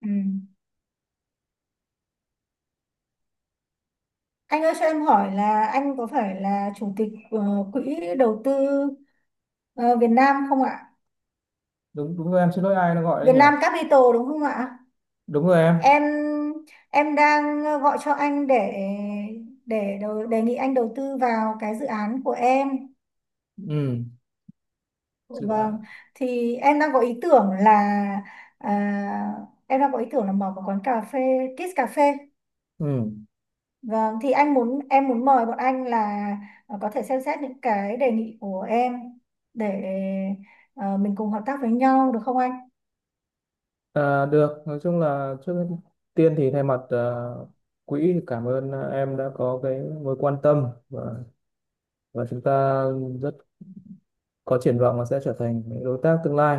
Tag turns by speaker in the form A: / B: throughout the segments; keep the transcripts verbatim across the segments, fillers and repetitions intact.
A: Ừ. Anh ơi, cho em hỏi là anh có phải là chủ tịch ờ, quỹ đầu tư ờ, Việt Nam không ạ?
B: Đúng đúng rồi, em xin lỗi, ai nó gọi đấy
A: Việt
B: nhỉ?
A: Nam Capital đúng không ạ?
B: Đúng rồi em.
A: Em em đang gọi cho anh để để đầu- đề nghị anh đầu tư vào cái dự án của em.
B: ừ Dự ạ.
A: Vâng, thì em đang có ý tưởng là à, em đang có ý tưởng là mở một quán cà phê, Kids Cà phê.
B: ừ
A: Vâng, thì anh muốn em muốn mời bọn anh là ờ, có thể xem xét những cái đề nghị của em để ờ, mình cùng hợp tác với nhau được không anh?
B: à, Được, nói chung là trước tiên thì thay mặt ờ, quỹ thì cảm ơn, ờ, em đã có cái mối quan tâm, và và chúng ta rất có triển vọng là sẽ trở thành những đối tác tương lai.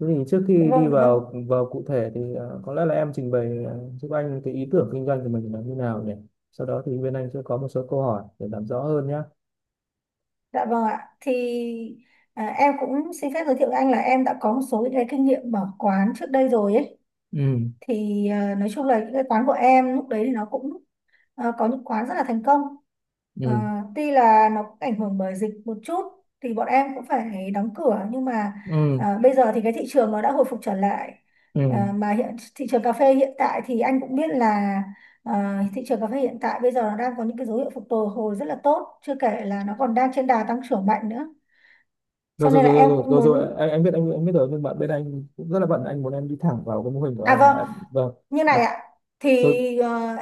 B: Thế thì trước
A: Dạ
B: khi đi
A: vâng, dạ vâng.
B: vào vào cụ thể thì ờ, có lẽ là em trình bày, ờ, giúp anh cái ý tưởng kinh doanh của mình là như nào nhỉ? Sau đó thì bên anh sẽ có một số câu hỏi để làm rõ hơn nhé.
A: Dạ vâng ạ. Thì à, em cũng xin phép giới thiệu với anh là em đã có một số những cái kinh nghiệm mở quán trước đây rồi ấy.
B: Ừ,
A: Thì ờ, nói chung là những cái quán của em lúc đấy thì nó cũng Ờ, có những quán rất là thành công. Ờ,
B: ừ,
A: Tuy là nó cũng ảnh hưởng bởi dịch một chút thì bọn em cũng phải đóng cửa, nhưng mà
B: ừ,
A: ờ, bây giờ thì cái thị trường nó đã hồi phục trở lại.
B: ừ.
A: Ờ, mà hiện thị trường cà phê hiện tại thì anh cũng biết là ờ, thị trường cà phê hiện tại bây giờ nó đang có những cái dấu hiệu phục hồi hồi rất là tốt, chưa kể là nó còn đang trên đà tăng trưởng mạnh nữa.
B: rồi
A: Cho
B: rồi
A: nên là
B: rồi
A: em
B: rồi
A: cũng
B: rồi, rồi, rồi.
A: muốn,
B: Em, em biết anh, em biết rồi, nhưng mà bên anh cũng rất là bận, anh muốn em đi thẳng vào cái mô hình của
A: à
B: em.
A: vâng,
B: Em- vâng
A: như
B: mà
A: này ạ, thì
B: tôi,
A: ờ,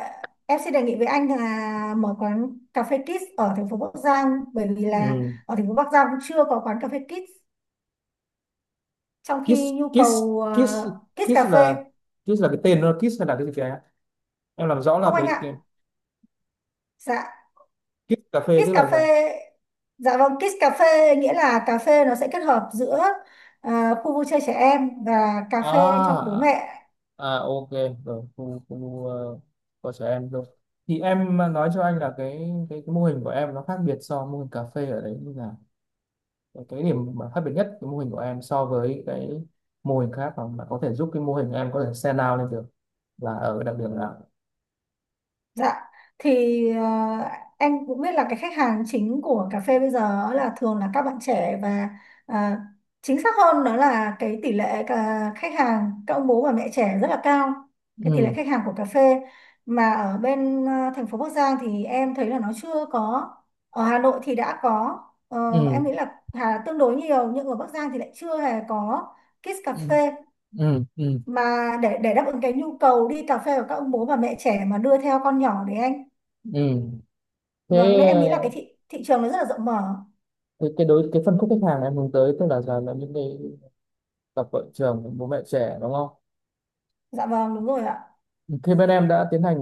A: em sẽ đề nghị với anh là mở quán cà phê Kids ở thành phố Bắc Giang, bởi vì là
B: um,
A: ở thành phố Bắc Giang cũng chưa có quán cà phê Kids, trong
B: KISS,
A: khi nhu
B: KISS,
A: cầu
B: KISS,
A: ờ, Kids
B: KISS
A: cà
B: là,
A: phê.
B: KISS là cái tên, nó KISS là cái gì kìa, em làm rõ là
A: Không anh
B: cái, cái
A: ạ. Dạ,
B: KISS cà phê
A: Kids
B: tức
A: cà
B: là
A: phê.
B: sao?
A: Dạ vâng, Kids cà phê nghĩa là cà phê nó sẽ kết hợp giữa ờ, khu vui chơi trẻ em và cà phê cho bố
B: À,
A: mẹ.
B: à, ok, rồi khu khu uh, của trẻ em rồi. Thì em nói cho anh là cái cái, cái mô hình của em nó khác biệt so với mô hình cà phê ở đấy như nào? Cái điểm mà khác biệt nhất cái mô hình của em so với cái mô hình khác mà, mà có thể giúp cái mô hình em có thể stand out lên được là ở cái đặc điểm là,
A: Dạ, thì ờ, anh cũng biết là cái khách hàng chính của cà phê bây giờ ấy là thường là các bạn trẻ, và ờ, chính xác hơn đó là cái tỷ lệ cả khách hàng các ông bố và mẹ trẻ rất là cao, cái tỷ lệ
B: ừ,
A: khách hàng của cà phê, mà ở bên ờ, thành phố Bắc Giang thì em thấy là nó chưa có, ở Hà Nội thì đã có. Ờ, em
B: ừ,
A: nghĩ là Hà tương đối nhiều, nhưng ở Bắc Giang thì lại chưa hề có Kids cà
B: ừ,
A: phê,
B: ừ, ừ,
A: mà để để đáp ứng cái nhu cầu đi cà phê của các ông bố và mẹ trẻ mà đưa theo con nhỏ đấy anh.
B: ừ.
A: Vâng,
B: Thế,
A: nên em nghĩ là
B: ờ,
A: cái thị thị trường nó rất là rộng mở.
B: cái cái đối cái phân khúc khách hàng em hướng tới tức là là, là những cái cặp vợ chồng bố mẹ trẻ, đúng không?
A: Dạ vâng, đúng rồi ạ.
B: Khi bên em đã tiến hành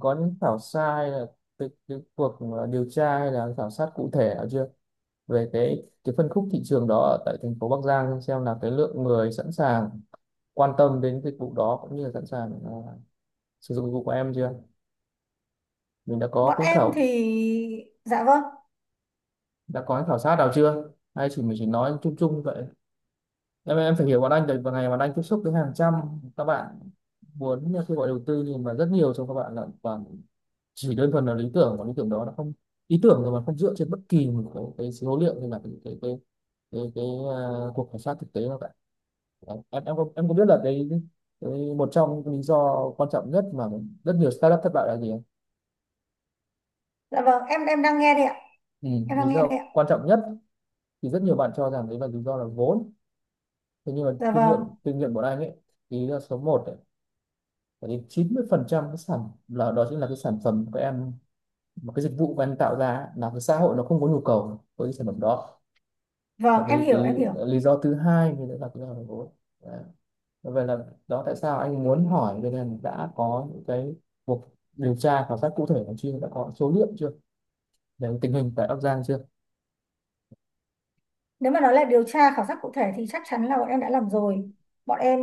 B: có những khảo sát hay là cái, cái cuộc, ờ, điều tra hay là khảo sát cụ thể nào chưa về cái cái phân khúc thị trường đó ở tại thành phố Bắc Giang, xem là cái lượng người sẵn sàng quan tâm đến dịch vụ đó cũng như là sẵn sàng, à, sử dụng dịch vụ của em chưa? Mình đã có
A: Bọn
B: cái
A: em
B: khảo
A: thì dạ vâng.
B: đã có cái khảo sát nào chưa hay chỉ mình chỉ nói chung chung như vậy? Em em phải hiểu, bọn anh tại vào ngày bọn anh tiếp xúc với hàng trăm các bạn muốn kêu gọi đầu tư, nhưng mà rất nhiều trong các bạn là toàn chỉ đơn thuần là lý tưởng, và lý tưởng đó nó không, ý tưởng rồi mà không dựa trên bất kỳ một cái, cái số liệu hay là cái cái cái cái, cái à, cuộc khảo sát thực tế nào cả. Em em có, em có biết là cái, cái một trong những lý do quan trọng nhất mà rất nhiều startup thất bại là gì?
A: Dạ vâng, em em đang nghe đây ạ.
B: Ừ,
A: Em
B: lý
A: đang nghe
B: do
A: đây ạ.
B: quan trọng nhất thì rất nhiều bạn cho rằng đấy là lý do là vốn. Thế nhưng mà
A: Dạ
B: kinh nghiệm
A: vâng.
B: kinh nghiệm của anh ấy thì lý do số một ấy, phải đến chín mươi phần trăm, cái sản là đó chính là cái sản phẩm của em mà cái dịch vụ của em tạo ra ấy, là cái xã hội nó không có nhu cầu với cái sản phẩm đó. Và
A: Vâng, em
B: cái, cái
A: hiểu, em hiểu.
B: lý do thứ hai thì đấy là cái là vốn. Đấy, vậy là đó tại sao anh muốn hỏi, cho nên đã có những cái cuộc điều tra khảo sát cụ thể còn chưa, đã có số liệu chưa, về tình hình tại Bắc Giang chưa?
A: Nếu mà nói là điều tra khảo sát cụ thể thì chắc chắn là bọn em đã làm rồi. Bọn em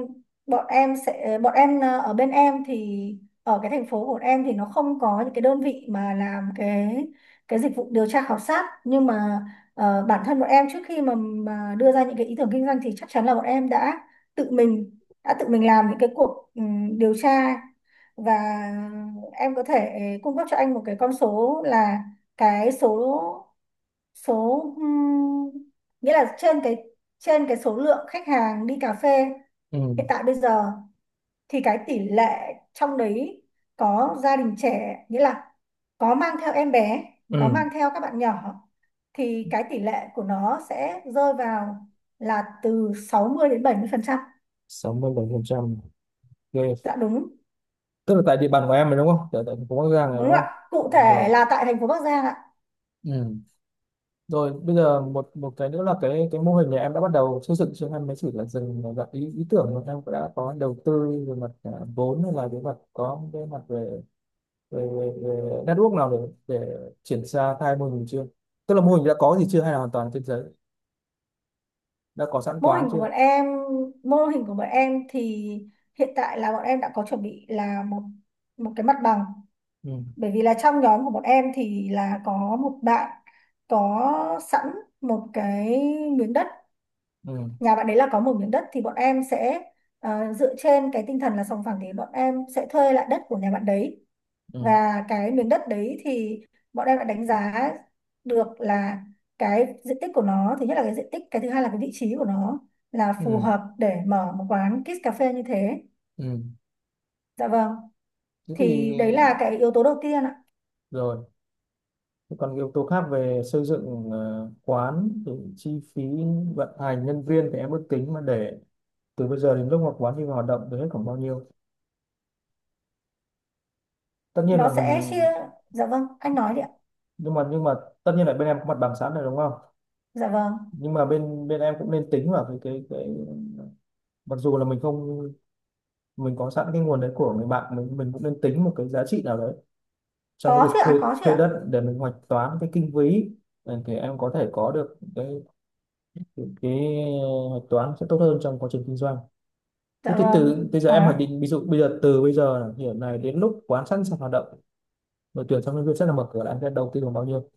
A: bọn em sẽ bọn em ờ, Ở bên em thì ở cái thành phố của bọn em thì nó không có những cái đơn vị mà làm cái cái dịch vụ điều tra khảo sát, nhưng mà ờ, bản thân bọn em trước khi mà mà đưa ra những cái ý tưởng kinh doanh thì chắc chắn là bọn em đã tự mình đã tự mình làm những cái cuộc ừm, điều tra, và em có thể cung cấp cho anh một cái con số là cái số số ừm, nghĩa là trên cái trên cái số lượng khách hàng đi cà phê
B: Ừ,
A: hiện tại bây giờ thì cái tỷ lệ trong đấy có gia đình trẻ, nghĩa là có mang theo em bé, có
B: ừ,
A: mang theo các bạn nhỏ, thì cái tỷ lệ của nó sẽ rơi vào là từ sáu mươi đến bảy mươi phần trăm.
B: sáu mươi bảy phần trăm, ghê.
A: Dạ đúng.
B: Tức là tại địa bàn của em rồi đúng không, tại tại thành phố Bắc Giang rồi
A: Đúng
B: đúng
A: không
B: không?
A: ạ, cụ
B: Rồi.
A: thể là tại thành phố Bắc Giang ạ.
B: Ừ. Rồi bây giờ một một cái nữa là cái cái mô hình này em đã bắt đầu xây dựng chứ? Em mới chỉ là dừng ở dạng ý, ý tưởng, mà em cũng đã có đầu tư về mặt, à, vốn hay là về mặt, có cái mặt về về, về, về network nào để để triển ra khai mô hình chưa? Tức là mô hình đã có gì chưa hay là hoàn toàn trên giấy? Đã có sẵn
A: mô
B: quán
A: hình của
B: chưa?
A: bọn em Mô hình của bọn em thì hiện tại là bọn em đã có chuẩn bị là một một cái mặt bằng,
B: Ừ,
A: bởi vì là trong nhóm của bọn em thì là có một bạn có sẵn một cái miếng đất.
B: ừ,
A: Nhà bạn đấy là có một miếng đất thì bọn em sẽ ờ, dựa trên cái tinh thần là sòng phẳng thì bọn em sẽ thuê lại đất của nhà bạn đấy.
B: ừ,
A: Và cái miếng đất đấy thì bọn em đã đánh giá được là cái diện tích của nó, thứ nhất là cái diện tích, cái thứ hai là cái vị trí của nó là phù
B: ừ,
A: hợp để mở một quán kids cà phê như thế.
B: ừ.
A: Dạ vâng,
B: Thế thì,
A: thì đấy là cái yếu tố đầu tiên ạ.
B: rồi còn cái yếu tố khác về xây dựng, ờ, quán thì chi phí vận hành nhân viên thì em ước tính mà để từ bây giờ đến lúc mà quán đi vào hoạt động thì hết khoảng bao nhiêu? Tất nhiên
A: Nó
B: là mình,
A: sẽ chia. Dạ vâng, anh nói đi ạ.
B: nhưng mà nhưng mà tất nhiên là bên em có mặt bằng sẵn rồi đúng không?
A: Dạ vâng,
B: Nhưng mà bên bên em cũng nên tính vào cái cái cái, mặc dù là mình không, mình có sẵn cái nguồn đấy của người bạn mình mình cũng nên tính một cái giá trị nào đấy trong
A: có
B: cái việc
A: chứ
B: thuê
A: ạ, có chứ
B: thuê
A: ạ.
B: đất để mình hoạch toán cái kinh phí. Ừ, thì em có thể có được cái cái, cái hoạch toán sẽ tốt hơn trong quá trình kinh doanh. Thế
A: Dạ
B: thì
A: vâng,
B: từ bây giờ em hoạch
A: có.
B: định, ví dụ bây giờ từ bây giờ là hiện này đến lúc quán sẵn sàng hoạt động, đội tuyển trong nhân viên sẽ là mở cửa, là anh sẽ đầu tư khoảng bao nhiêu?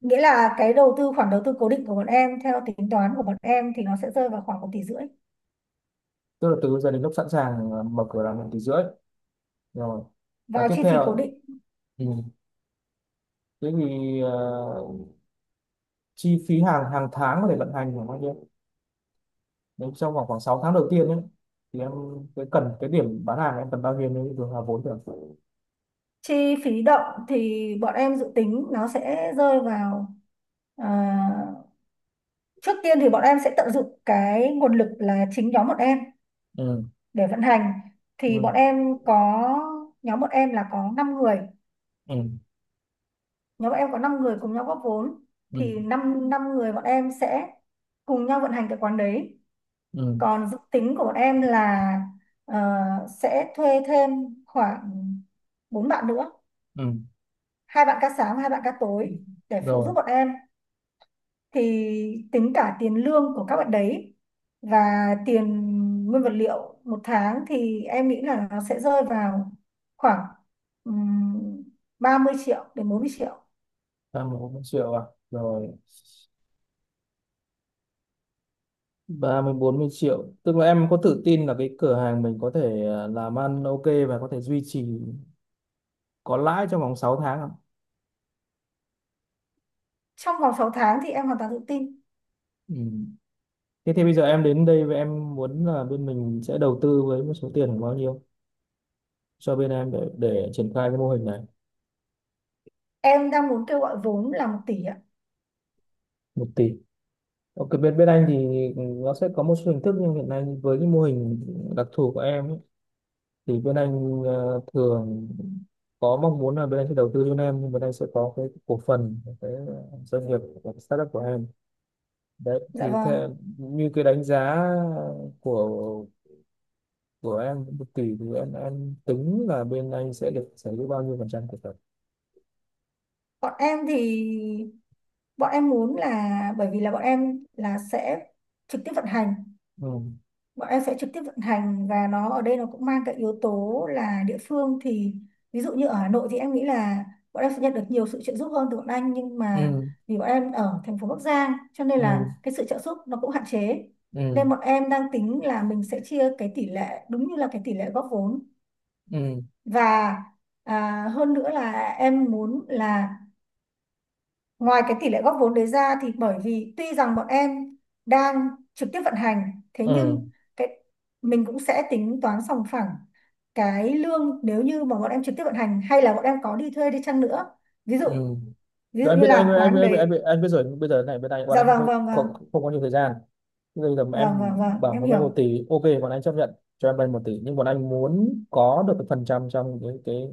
A: Nghĩa là cái đầu tư, khoản đầu tư cố định của bọn em theo tính toán của bọn em thì nó sẽ rơi vào khoảng một tỷ rưỡi,
B: Tức là từ bây giờ đến lúc sẵn sàng là mở cửa là một tỷ rưỡi? Rồi, và
A: vào
B: tiếp
A: chi phí cố
B: theo,
A: định.
B: ừ. Thế thì, ờ, chi phí hàng hàng tháng có thể vận hành khoảng bao nhiêu nếu trong khoảng khoảng sáu tháng đầu tiên ấy, thì em, cái cần cái điểm bán hàng em cần bao nhiêu nếu được là vốn được.
A: Chi phí động thì bọn em dự tính nó sẽ rơi vào, à, trước tiên thì bọn em sẽ tận dụng cái nguồn lực là chính nhóm bọn em
B: Ừ,
A: để vận hành, thì
B: ừ,
A: bọn em có nhóm bọn em là có năm người
B: ừ,
A: nhóm bọn em có năm người cùng nhau góp vốn,
B: ừ,
A: thì năm, năm năm người bọn em sẽ cùng nhau vận hành cái quán đấy.
B: ừ,
A: Còn dự tính của bọn em là ờ, sẽ thuê thêm khoảng bốn bạn nữa,
B: ừ.
A: hai bạn ca sáng và hai bạn ca tối, để phụ giúp
B: Rồi,
A: bọn em. Thì tính cả tiền lương của các bạn đấy và tiền nguyên vật liệu một tháng thì em nghĩ là nó sẽ rơi vào khoảng um, ba mươi triệu đến bốn mươi triệu.
B: em một triệu à? Rồi, ba mươi bốn mươi triệu. Tức là em có tự tin là cái cửa hàng mình có thể, ờ, làm ăn ok và có thể duy trì có lãi trong vòng sáu tháng không?
A: Trong vòng sáu tháng thì em hoàn toàn tự tin.
B: Ừ. Thế thì bây giờ em đến đây và em muốn là bên mình sẽ đầu tư với một số tiền khoảng bao nhiêu cho bên em để để triển khai cái mô hình này?
A: Em đang muốn kêu gọi vốn là một tỷ ạ.
B: Một tỷ. Ok, bên bên anh thì nó sẽ có một số hình thức, nhưng hiện nay với cái mô hình đặc thù của em ấy, thì bên anh, ờ, thường có mong muốn là bên anh sẽ đầu tư cho em nhưng bên anh sẽ có cái cổ phần của cái doanh nghiệp, của cái startup của em. Đấy
A: Dạ
B: thì
A: vâng.
B: theo như cái đánh giá của của em một tỷ thì em em tính là bên anh sẽ được sở hữu bao nhiêu phần trăm cổ phần?
A: Bọn em thì Bọn em muốn là bởi vì là bọn em là sẽ trực tiếp vận hành.
B: Ừ,
A: Bọn em sẽ trực tiếp vận hành, và nó ở đây nó cũng mang cái yếu tố là địa phương, thì ví dụ như ở Hà Nội thì em nghĩ là bọn em sẽ nhận được nhiều sự trợ giúp hơn từ bọn anh, nhưng mà
B: ừ,
A: vì bọn em ở thành phố Bắc Giang cho nên
B: ừ,
A: là cái sự trợ giúp nó cũng hạn chế.
B: ừ,
A: Nên bọn em đang tính là mình sẽ chia cái tỷ lệ đúng như là cái tỷ lệ góp vốn,
B: ừ,
A: và à, hơn nữa là em muốn là ngoài cái tỷ lệ góp vốn đấy ra, thì bởi vì tuy rằng bọn em đang trực tiếp vận hành, thế
B: ừ,
A: nhưng cái mình cũng sẽ tính toán sòng phẳng cái lương, nếu như mà bọn em trực tiếp vận hành hay là bọn em có đi thuê đi chăng nữa, ví dụ
B: ừ.
A: ví
B: Rồi,
A: dụ
B: em
A: như
B: biết, anh
A: là
B: anh
A: quán
B: anh anh,
A: đấy.
B: anh biết rồi, nhưng bây giờ này bên anh, bọn
A: Dạ
B: anh không
A: vâng, vâng,
B: có,
A: vâng,
B: không, không có nhiều thời gian. Bây giờ mà
A: vâng,
B: em
A: vâng, vâng,
B: bảo
A: em
B: muốn vay một
A: hiểu.
B: tỷ ok bọn anh chấp nhận cho em vay một tỷ, nhưng bọn anh muốn có được cái phần trăm trong cái cái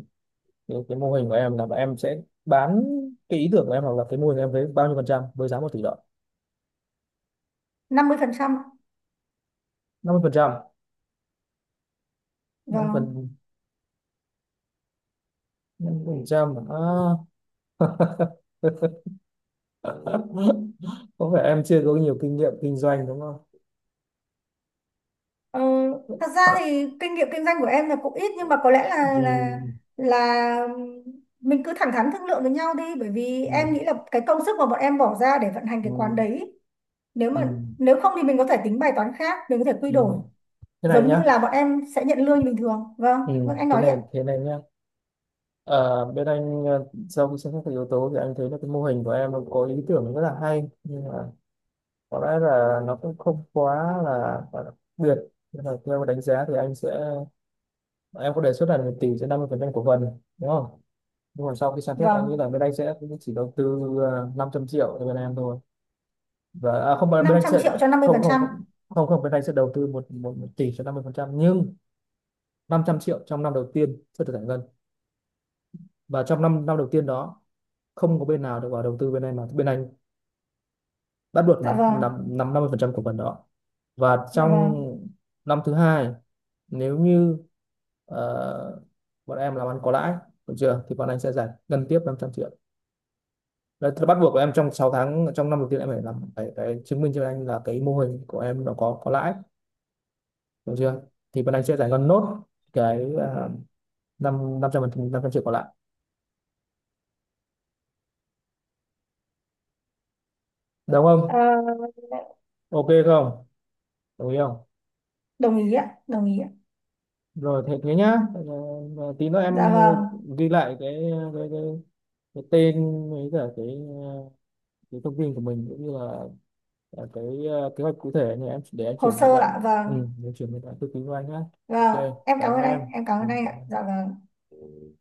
B: cái, cái mô hình của em, là em sẽ bán cái ý tưởng của em hoặc là cái mô hình của em với bao nhiêu phần trăm với giá một tỷ đồng?
A: Năm mươi phần trăm.
B: Năm mươi phần trăm? năm
A: Vâng.
B: phần Năm phần trăm à? Có vẻ em chưa có nhiều kinh nghiệm kinh doanh đúng không?
A: Ờ, Thật ra thì kinh nghiệm kinh doanh của em là cũng ít, nhưng mà có lẽ là là
B: Ừ,
A: là mình cứ thẳng thắn thương lượng với nhau đi, bởi vì
B: ừ,
A: em nghĩ là cái công sức mà bọn em bỏ ra để vận hành
B: ừ,
A: cái quán đấy, nếu
B: ừ,
A: mà nếu không thì mình có thể tính bài toán khác, mình có thể quy
B: ừ.
A: đổi,
B: Thế này
A: giống
B: nhá.
A: như là bọn em sẽ nhận lương như bình thường. Vâng,
B: Ừ.
A: vâng anh
B: Thế
A: nói đi
B: này
A: ạ.
B: thế này nhá. Ờ, bên anh, ờ, sau khi xem xét các yếu tố thì anh thấy là cái mô hình của em có ý tưởng rất là hay, nhưng mà có lẽ là nó cũng không quá là quá đặc biệt, nên là theo đánh giá thì anh sẽ, em có đề xuất là mình tỷ sẽ năm mươi phần trăm cổ phần đúng không? Nhưng mà sau khi xem xét anh nghĩ
A: Vâng.
B: là bên anh sẽ chỉ đầu tư, ờ, năm trăm triệu cho bên em thôi. Và à, không, bên
A: năm
B: anh
A: trăm
B: sẽ,
A: triệu cho năm mươi
B: không
A: phần
B: không
A: trăm
B: không không không, bên anh sẽ đầu tư một một, một tỷ cho năm mươi phần trăm, nhưng năm trăm triệu trong năm đầu tiên sẽ được giải ngân, và trong năm năm đầu tiên đó không có bên nào được vào đầu tư bên anh mà bên anh bắt buộc
A: Dạ
B: nắm
A: vâng.
B: nắm nắm năm mươi phần trăm cổ phần đó. Và
A: Dạ
B: trong
A: vâng.
B: năm thứ hai, nếu như, ờ, bọn em làm ăn có lãi, được chưa, thì bọn anh sẽ giải ngân tiếp năm trăm triệu. Đấy, thì bắt buộc của em trong sáu tháng trong năm đầu tiên em phải làm, phải, phải chứng minh cho anh là cái mô hình của em nó có có lãi, được chưa, thì bọn anh sẽ giải ngân nốt cái uh, năm năm trăm phần năm trăm triệu còn lại đúng
A: Ờ,
B: không? Ok không? Đồng ý không?
A: Đồng ý ạ, đồng ý ạ.
B: Rồi, thế thế nhá. Ờ, ờ, tí nữa
A: Dạ
B: em, ờ,
A: vâng.
B: ghi lại cái, cái, cái cái tên với cả cái, ờ, cái thông tin của mình cũng như là, là cái, ờ, kế hoạch cụ thể này em để em
A: Hồ
B: chuyển cho
A: sơ ạ.
B: bạn, ừ,
A: Vâng,
B: để chuyển cho bạn tư vấn của anh nhé.
A: vâng
B: Ok,
A: em cảm
B: cảm
A: ơn
B: ơn em.
A: anh, em cảm
B: ừ,
A: ơn anh
B: cảm
A: ạ. Dạ
B: ơn.
A: vâng.